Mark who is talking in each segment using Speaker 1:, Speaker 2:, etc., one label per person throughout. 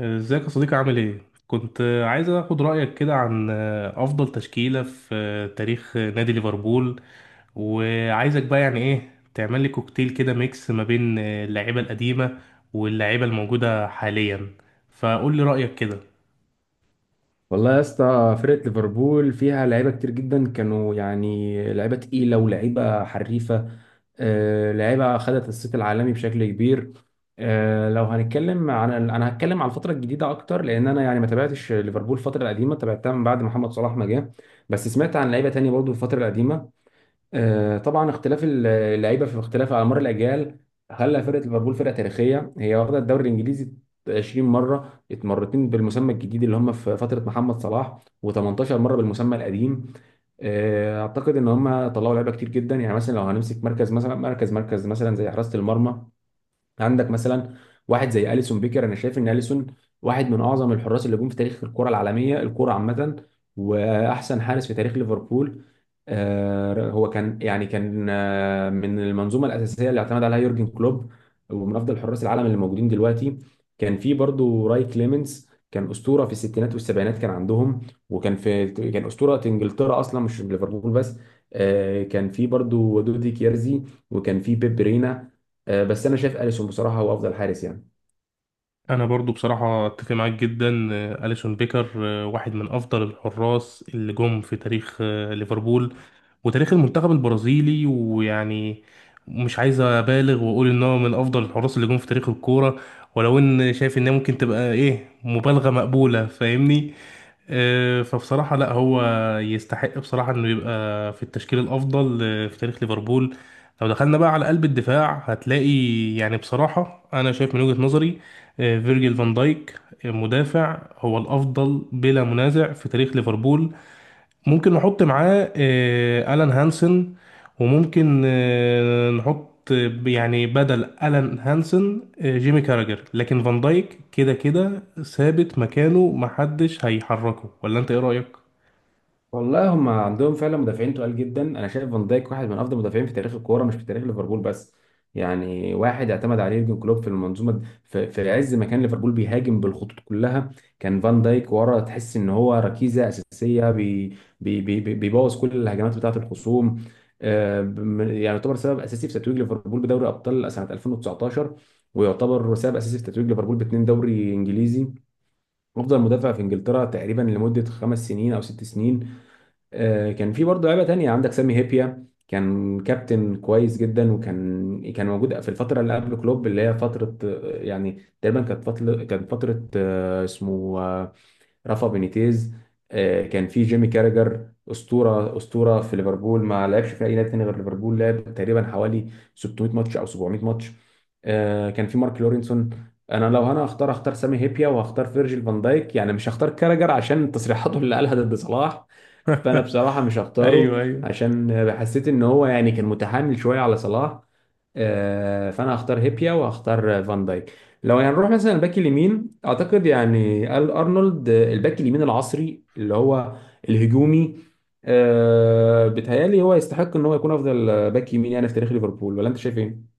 Speaker 1: ازيك يا صديقي، عامل ايه؟ كنت عايز اخد رأيك كده عن افضل تشكيلة في تاريخ نادي ليفربول، وعايزك بقى يعني ايه تعمل لي كوكتيل كده، ميكس ما بين اللعيبة القديمة واللعيبة الموجودة حاليا. فقول لي رأيك كده.
Speaker 2: والله يا اسطى، فرقة ليفربول فيها لعيبة كتير جدا. كانوا يعني لعيبة تقيلة ولعيبة حريفة. لعيبة خدت الصيت العالمي بشكل كبير. لو هنتكلم عن انا هتكلم عن الفترة الجديدة اكتر، لان انا يعني ما تابعتش ليفربول الفترة القديمة، تابعتها من بعد محمد صلاح ما جه. بس سمعت عن لعيبة تانية برضو في الفترة القديمة. طبعا اختلاف اللعيبه في اختلاف على مر الاجيال خلى فرقه ليفربول فرقه تاريخيه. هي واخده الدوري الانجليزي 20 مره، اتمرتين بالمسمى الجديد اللي هم في فتره محمد صلاح، و18 مره بالمسمى القديم. اعتقد ان هم طلعوا لعيبه كتير جدا. يعني مثلا لو هنمسك مركز، مثلا مركز مثلا زي حراسه المرمى، عندك مثلا واحد زي اليسون بيكر. انا شايف ان اليسون واحد من اعظم الحراس اللي جم في تاريخ الكره العالميه، الكره عامه، واحسن حارس في تاريخ ليفربول. هو كان يعني كان من المنظومه الاساسيه اللي اعتمد عليها يورجن كلوب، ومن افضل حراس العالم اللي موجودين دلوقتي. كان في برضو راي كليمنز، كان اسطوره في الستينات والسبعينات كان عندهم. وكان في كان اسطوره انجلترا اصلا، مش ليفربول بس. كان في برضو دودي كيرزي، وكان في بيب رينا. بس انا شايف اليسون بصراحه هو افضل حارس يعني.
Speaker 1: انا برضو بصراحه اتفق معاك جدا. اليسون بيكر واحد من افضل الحراس اللي جم في تاريخ ليفربول وتاريخ المنتخب البرازيلي. ويعني مش عايز ابالغ واقول ان هو من افضل الحراس اللي جم في تاريخ الكوره، ولو ان شايف انها ممكن تبقى ايه مبالغه مقبوله، فاهمني؟ فبصراحه لا، هو يستحق بصراحه انه يبقى في التشكيل الافضل في تاريخ ليفربول. لو دخلنا بقى على قلب الدفاع، هتلاقي يعني بصراحه انا شايف من وجهه نظري فيرجيل فان دايك مدافع هو الافضل بلا منازع في تاريخ ليفربول. ممكن نحط معاه الان هانسن، وممكن نحط يعني بدل الان هانسن جيمي كاراجر، لكن فان دايك كده كده ثابت مكانه، محدش هيحركه. ولا انت ايه رايك؟
Speaker 2: والله هم عندهم فعلا مدافعين تقال جدا. انا شايف فان دايك واحد من افضل المدافعين في تاريخ الكوره، مش في تاريخ ليفربول بس. يعني واحد اعتمد عليه يورجن كلوب في المنظومه في عز ما كان ليفربول بيهاجم بالخطوط كلها، كان فان دايك ورا. تحس ان هو ركيزه اساسيه، بيبوظ كل الهجمات بتاعه الخصوم. يعني يعتبر سبب اساسي في تتويج ليفربول بدوري ابطال سنه 2019، ويعتبر سبب اساسي في تتويج ليفربول باتنين دوري انجليزي. افضل مدافع في انجلترا تقريبا لمده 5 سنين او 6 سنين. كان في برضه لعيبه تانية. عندك سامي هيبيا، كان كابتن كويس جدا، وكان موجود في الفتره اللي قبل كلوب، اللي هي فتره يعني تقريبا كانت فتره اسمه رافا بينيتيز. كان في جيمي كاراجر، اسطوره في ليفربول، ما لعبش في اي نادي تاني غير ليفربول، لعب تقريبا حوالي 600 ماتش او 700 ماتش. كان في مارك لورينسون. انا لو هختار سامي هيبيا وهختار فيرجيل فان دايك، يعني مش هختار كاراجر عشان تصريحاته اللي قالها ضد صلاح. فانا بصراحه مش
Speaker 1: ايوه،
Speaker 2: هختاره،
Speaker 1: ايوه.
Speaker 2: عشان حسيت ان هو يعني كان متحامل شويه على صلاح. فانا هختار هيبيا وهختار فان دايك. لو هنروح مثلا الباك اليمين، اعتقد يعني ال ارنولد، الباك اليمين العصري اللي هو الهجومي، آه بيتهيألي هو يستحق ان هو يكون افضل باك يمين يعني في تاريخ ليفربول، ولا انت شايف ايه؟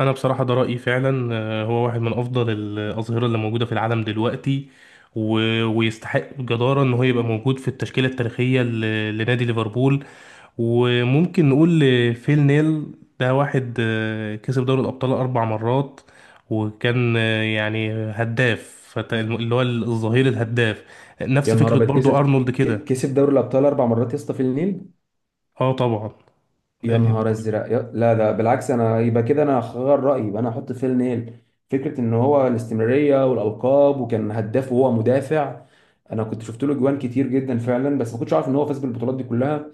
Speaker 1: انا بصراحه ده رايي فعلا. هو واحد من افضل الاظهره اللي موجوده في العالم دلوقتي، و... ويستحق جداره ان هو يبقى موجود في التشكيله التاريخيه لنادي ليفربول. وممكن نقول فيل نيل. ده واحد كسب دوري الابطال 4 مرات، وكان يعني هداف، اللي هو الظهير الهداف.
Speaker 2: يا
Speaker 1: نفس
Speaker 2: نهار
Speaker 1: فكره
Speaker 2: ابيض،
Speaker 1: برضو
Speaker 2: كسب؟
Speaker 1: ارنولد كده.
Speaker 2: كسب دوري الابطال 4 مرات يا اسطى في النيل؟
Speaker 1: اه طبعا.
Speaker 2: يا
Speaker 1: آه،
Speaker 2: نهار ازرق. لا ده بالعكس، انا يبقى كده انا هغير رايي، يبقى انا هحط فيل نيل. فكره ان هو الاستمراريه والالقاب، وكان هداف وهو مدافع. انا كنت شفت له جوان كتير جدا فعلا، بس ما كنتش عارف ان هو فاز بالبطولات دي كلها.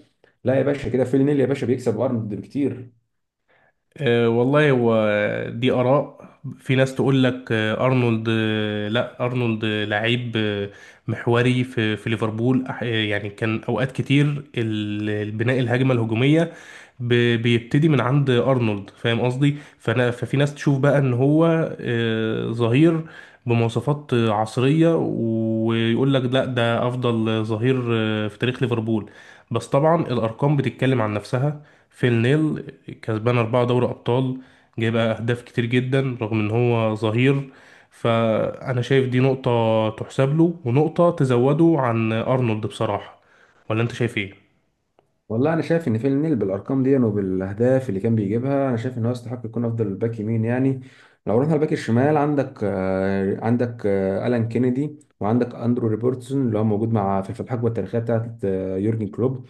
Speaker 2: لا يا باشا، كده فيل نيل يا باشا بيكسب ارنولد بكتير.
Speaker 1: أه والله، هو دي آراء. في ناس تقول لك أرنولد، لا، أرنولد لعيب محوري في ليفربول. يعني كان أوقات كتير البناء، الهجمة الهجومية بيبتدي من عند أرنولد، فاهم قصدي؟ فأنا ففي ناس تشوف بقى إن هو ظهير بمواصفات عصرية، ويقول لك لا، ده أفضل ظهير في تاريخ ليفربول. بس طبعا الأرقام بتتكلم عن نفسها. فيل نيل كسبان أربعة دوري أبطال، جايب أهداف كتير جدا رغم إن هو ظهير. فأنا شايف دي نقطة تحسب له، ونقطة تزوده عن أرنولد بصراحة. ولا أنت شايف إيه؟
Speaker 2: والله انا شايف ان فيل نيل بالارقام دي وبالاهداف اللي كان بيجيبها، انا شايف ان هو يستحق يكون افضل باك يمين يعني. لو رحنا الباك الشمال، عندك عندك الان كينيدي، وعندك اندرو روبرتسون اللي هو موجود مع في الحقبه التاريخيه بتاعت يورجن كلوب.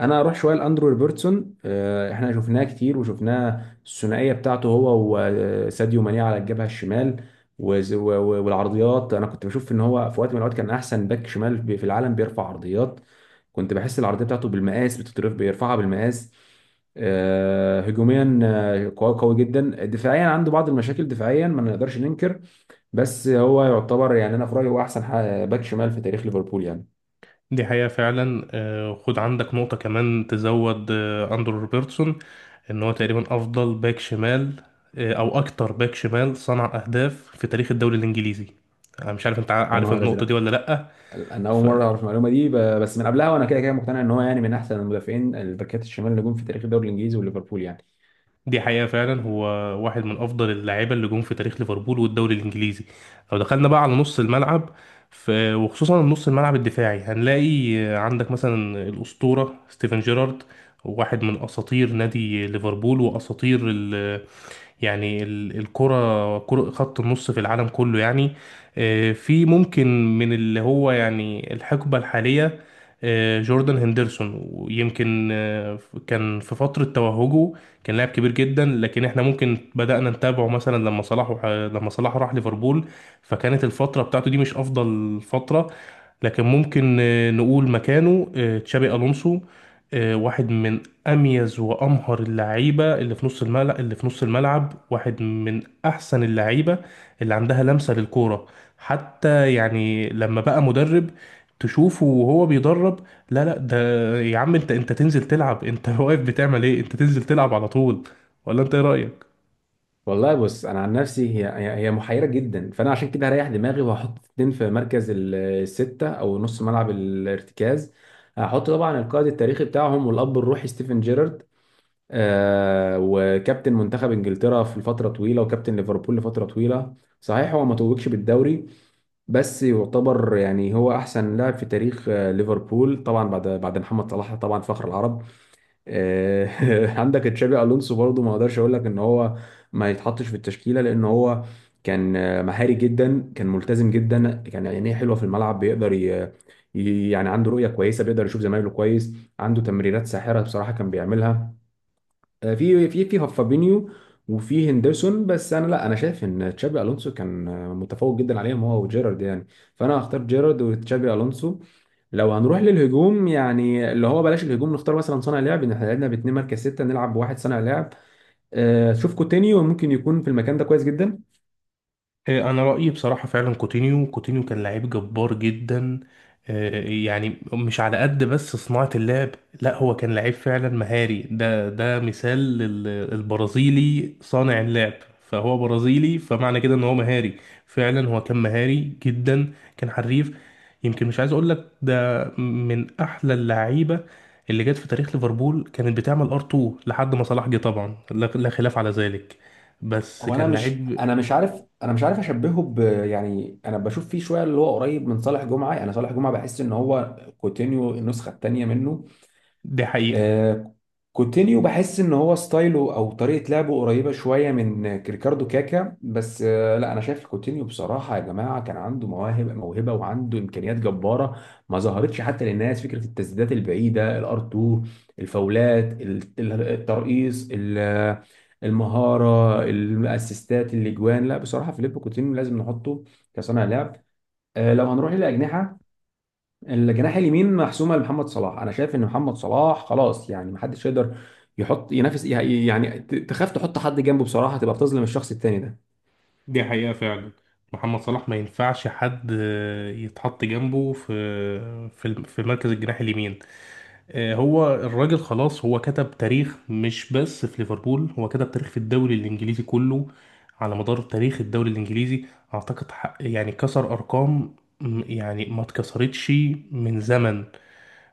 Speaker 2: انا اروح شويه لاندرو روبرتسون. احنا شفناه كتير، وشفناه الثنائيه بتاعته هو وساديو ماني على الجبهه الشمال والعرضيات. انا كنت بشوف ان هو في وقت من الاوقات كان احسن باك شمال في العالم بيرفع عرضيات. كنت بحس العرضيه بتاعته بالمقاس، بتترف بيرفعها بالمقاس. هجوميا قوي قوي جدا. دفاعيا عنده بعض المشاكل دفاعيا، ما نقدرش ننكر. بس هو يعتبر يعني انا في رايي هو احسن باك شمال في تاريخ ليفربول يعني.
Speaker 1: دي حقيقة فعلا. خد عندك نقطة كمان تزود أندرو روبرتسون. إن هو تقريبا أفضل باك شمال، أو أكتر باك شمال صنع أهداف في تاريخ الدوري الإنجليزي. أنا مش عارف أنت
Speaker 2: يا
Speaker 1: عارف
Speaker 2: نهار
Speaker 1: النقطة
Speaker 2: ازرق.
Speaker 1: دي ولا لأ.
Speaker 2: انا اول مره اعرف المعلومه دي. بس من قبلها وانا كده كده مقتنع ان هو يعني من احسن المدافعين الباكات الشمال اللي جم في تاريخ الدوري الانجليزي وليفربول يعني.
Speaker 1: دي حقيقة فعلا. هو واحد من أفضل اللاعيبة اللي جم في تاريخ ليفربول والدوري الإنجليزي. لو دخلنا بقى على نص الملعب، وخصوصا نص الملعب الدفاعي، هنلاقي عندك مثلا الأسطورة ستيفن جيرارد. واحد من أساطير نادي ليفربول وأساطير يعني ال- الكرة كرة خط النص في العالم كله يعني. في ممكن من اللي هو يعني الحقبة الحالية جوردان هندرسون، ويمكن كان في فترة توهجه كان لاعب كبير جدا، لكن احنا ممكن بدأنا نتابعه مثلا لما صلاح راح ليفربول، فكانت الفترة بتاعته دي مش أفضل فترة. لكن ممكن نقول مكانه تشابي ألونسو. واحد من اميز وامهر اللعيبه اللي في نص الملعب، واحد من احسن اللعيبه اللي عندها لمسه للكوره. حتى يعني لما بقى مدرب، تشوفه وهو بيدرب. لا لا، ده يا عم انت تنزل تلعب انت واقف بتعمل ايه؟ انت تنزل تلعب على طول. ولا انت ايه رايك؟
Speaker 2: والله بص، انا عن نفسي هي محيره جدا. فانا عشان كده هريح دماغي وهحط اتنين في مركز السته او نص ملعب الارتكاز. هحط طبعا القائد التاريخي بتاعهم والاب الروحي ستيفن جيرارد، آه وكابتن منتخب انجلترا في فتره طويله، وكابتن ليفربول لفتره طويله. صحيح هو ما توجش بالدوري، بس يعتبر يعني هو احسن لاعب في تاريخ ليفربول، طبعا بعد محمد صلاح طبعا، فخر العرب. عندك تشابي الونسو برضو، ما اقدرش اقول لك ان هو ما يتحطش في التشكيله، لان هو كان مهاري جدا، كان ملتزم جدا، كان عينيه حلوه في الملعب، بيقدر يعني عنده رؤيه كويسه، بيقدر يشوف زمايله كويس، عنده تمريرات ساحره بصراحه كان بيعملها. في فابينيو وفي هندرسون. بس انا لا، انا شايف ان تشابي الونسو كان متفوق جدا عليهم هو وجيرارد يعني. فانا هختار جيرارد وتشابي الونسو. لو هنروح للهجوم، يعني اللي هو بلاش الهجوم، نختار مثلا صانع لعب، ان احنا لعبنا باتنين مركز ستة، نلعب بواحد صانع لعب. شوف كوتينيو ممكن يكون في المكان ده كويس جدا.
Speaker 1: انا رايي بصراحه فعلا، كوتينيو كان لعيب جبار جدا. يعني مش على قد بس صناعه اللعب، لا هو كان لعيب فعلا مهاري. ده مثال للبرازيلي صانع اللعب. فهو برازيلي، فمعنى كده ان هو مهاري فعلا. هو كان مهاري جدا، كان حريف. يمكن مش عايز اقول لك ده من احلى اللعيبه اللي جت في تاريخ ليفربول. كانت بتعمل ار 2 لحد ما صلاح جه طبعا، لا لا خلاف على ذلك، بس
Speaker 2: هو انا
Speaker 1: كان
Speaker 2: مش
Speaker 1: لعيب.
Speaker 2: انا مش عارف، انا مش عارف اشبهه ب. يعني انا بشوف فيه شويه اللي هو قريب من صالح جمعه، يعني صالح جمعه بحس ان هو كوتينيو النسخه الثانيه منه.
Speaker 1: دي حقيقة
Speaker 2: آه، كوتينيو بحس ان هو ستايله او طريقه لعبه قريبه شويه من ريكاردو كاكا، بس لا انا شايف كوتينيو بصراحه يا جماعه كان عنده مواهب، موهبه وعنده امكانيات جباره ما ظهرتش حتى للناس. فكره التسديدات البعيده الار 2، الفاولات الترقيص، المهاره، الاسيستات، الاجوان. لا بصراحه فيليب كوتينيو لازم نحطه كصانع لعب. لو هنروح للاجنحه، الجناح اليمين محسومه لمحمد صلاح. انا شايف ان محمد صلاح خلاص، يعني محدش يقدر يحط ينافس، يعني تخاف تحط حد جنبه بصراحه، تبقى بتظلم الشخص التاني ده.
Speaker 1: دي حقيقة فعلا. محمد صلاح ما ينفعش حد يتحط جنبه في مركز الجناح اليمين. هو الراجل خلاص، هو كتب تاريخ مش بس في ليفربول، هو كتب تاريخ في الدوري الإنجليزي كله. على مدار تاريخ الدوري الإنجليزي أعتقد يعني كسر أرقام يعني ما اتكسرتش من زمن.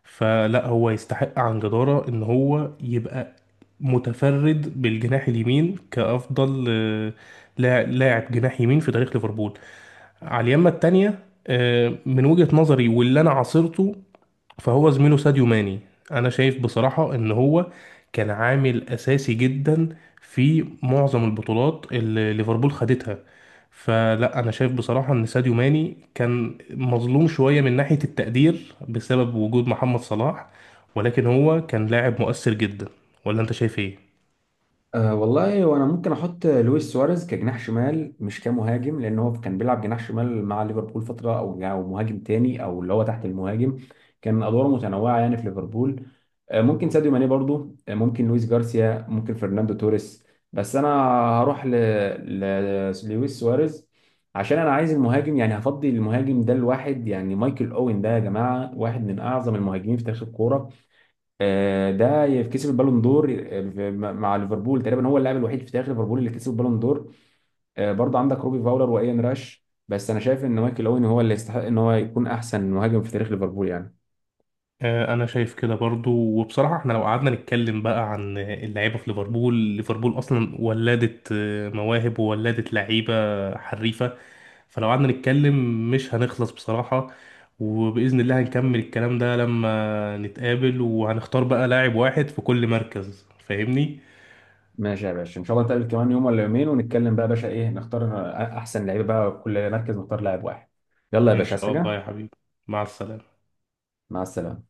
Speaker 1: فلا، هو يستحق عن جدارة إن هو يبقى متفرد بالجناح اليمين كأفضل لاعب جناح يمين في تاريخ ليفربول. على اليمة التانية من وجهة نظري واللي أنا عاصرته، فهو زميله ساديو ماني. أنا شايف بصراحة إن هو كان عامل أساسي جدا في معظم البطولات اللي ليفربول خدتها. فلا، أنا شايف بصراحة إن ساديو ماني كان مظلوم شوية من ناحية التقدير بسبب وجود محمد صلاح، ولكن هو كان لاعب مؤثر جدا. ولا أنت شايف إيه؟
Speaker 2: أه والله، وانا ممكن احط لويس سواريز كجناح شمال، مش كمهاجم، لان هو كان بيلعب جناح شمال مع ليفربول فتره، او مهاجم تاني، او اللي هو تحت المهاجم. كان ادواره متنوعه يعني في ليفربول. أه ممكن ساديو ماني برضو، أه ممكن لويس جارسيا، ممكن فرناندو توريس. بس انا هروح لويس سواريز. عشان انا عايز المهاجم، يعني هفضي المهاجم ده لواحد. يعني مايكل اوين ده يا جماعه واحد من اعظم المهاجمين في تاريخ الكوره. ده كسب البالون دور مع ليفربول. تقريبا هو اللاعب الوحيد في تاريخ ليفربول اللي كسب البالون دور. برضه عندك روبي فاولر وايان راش، بس انا شايف ان مايكل اوين هو اللي يستحق ان هو يكون احسن مهاجم في تاريخ ليفربول يعني.
Speaker 1: انا شايف كده برضو. وبصراحه احنا لو قعدنا نتكلم بقى عن اللعيبه في ليفربول، ليفربول اصلا ولدت مواهب وولدت لعيبه حريفه. فلو قعدنا نتكلم مش هنخلص بصراحه. وباذن الله هنكمل الكلام ده لما نتقابل، وهنختار بقى لاعب واحد في كل مركز، فاهمني؟
Speaker 2: ماشي يا باشا، ان شاء الله نتقابل كمان يوم ولا يومين ونتكلم بقى يا باشا، ايه نختار احسن لعيبه، بقى كل مركز نختار لاعب واحد. يلا يا
Speaker 1: ان
Speaker 2: باشا، عايز
Speaker 1: شاء الله
Speaker 2: حاجه؟
Speaker 1: يا حبيبي. مع السلامه.
Speaker 2: مع السلامه.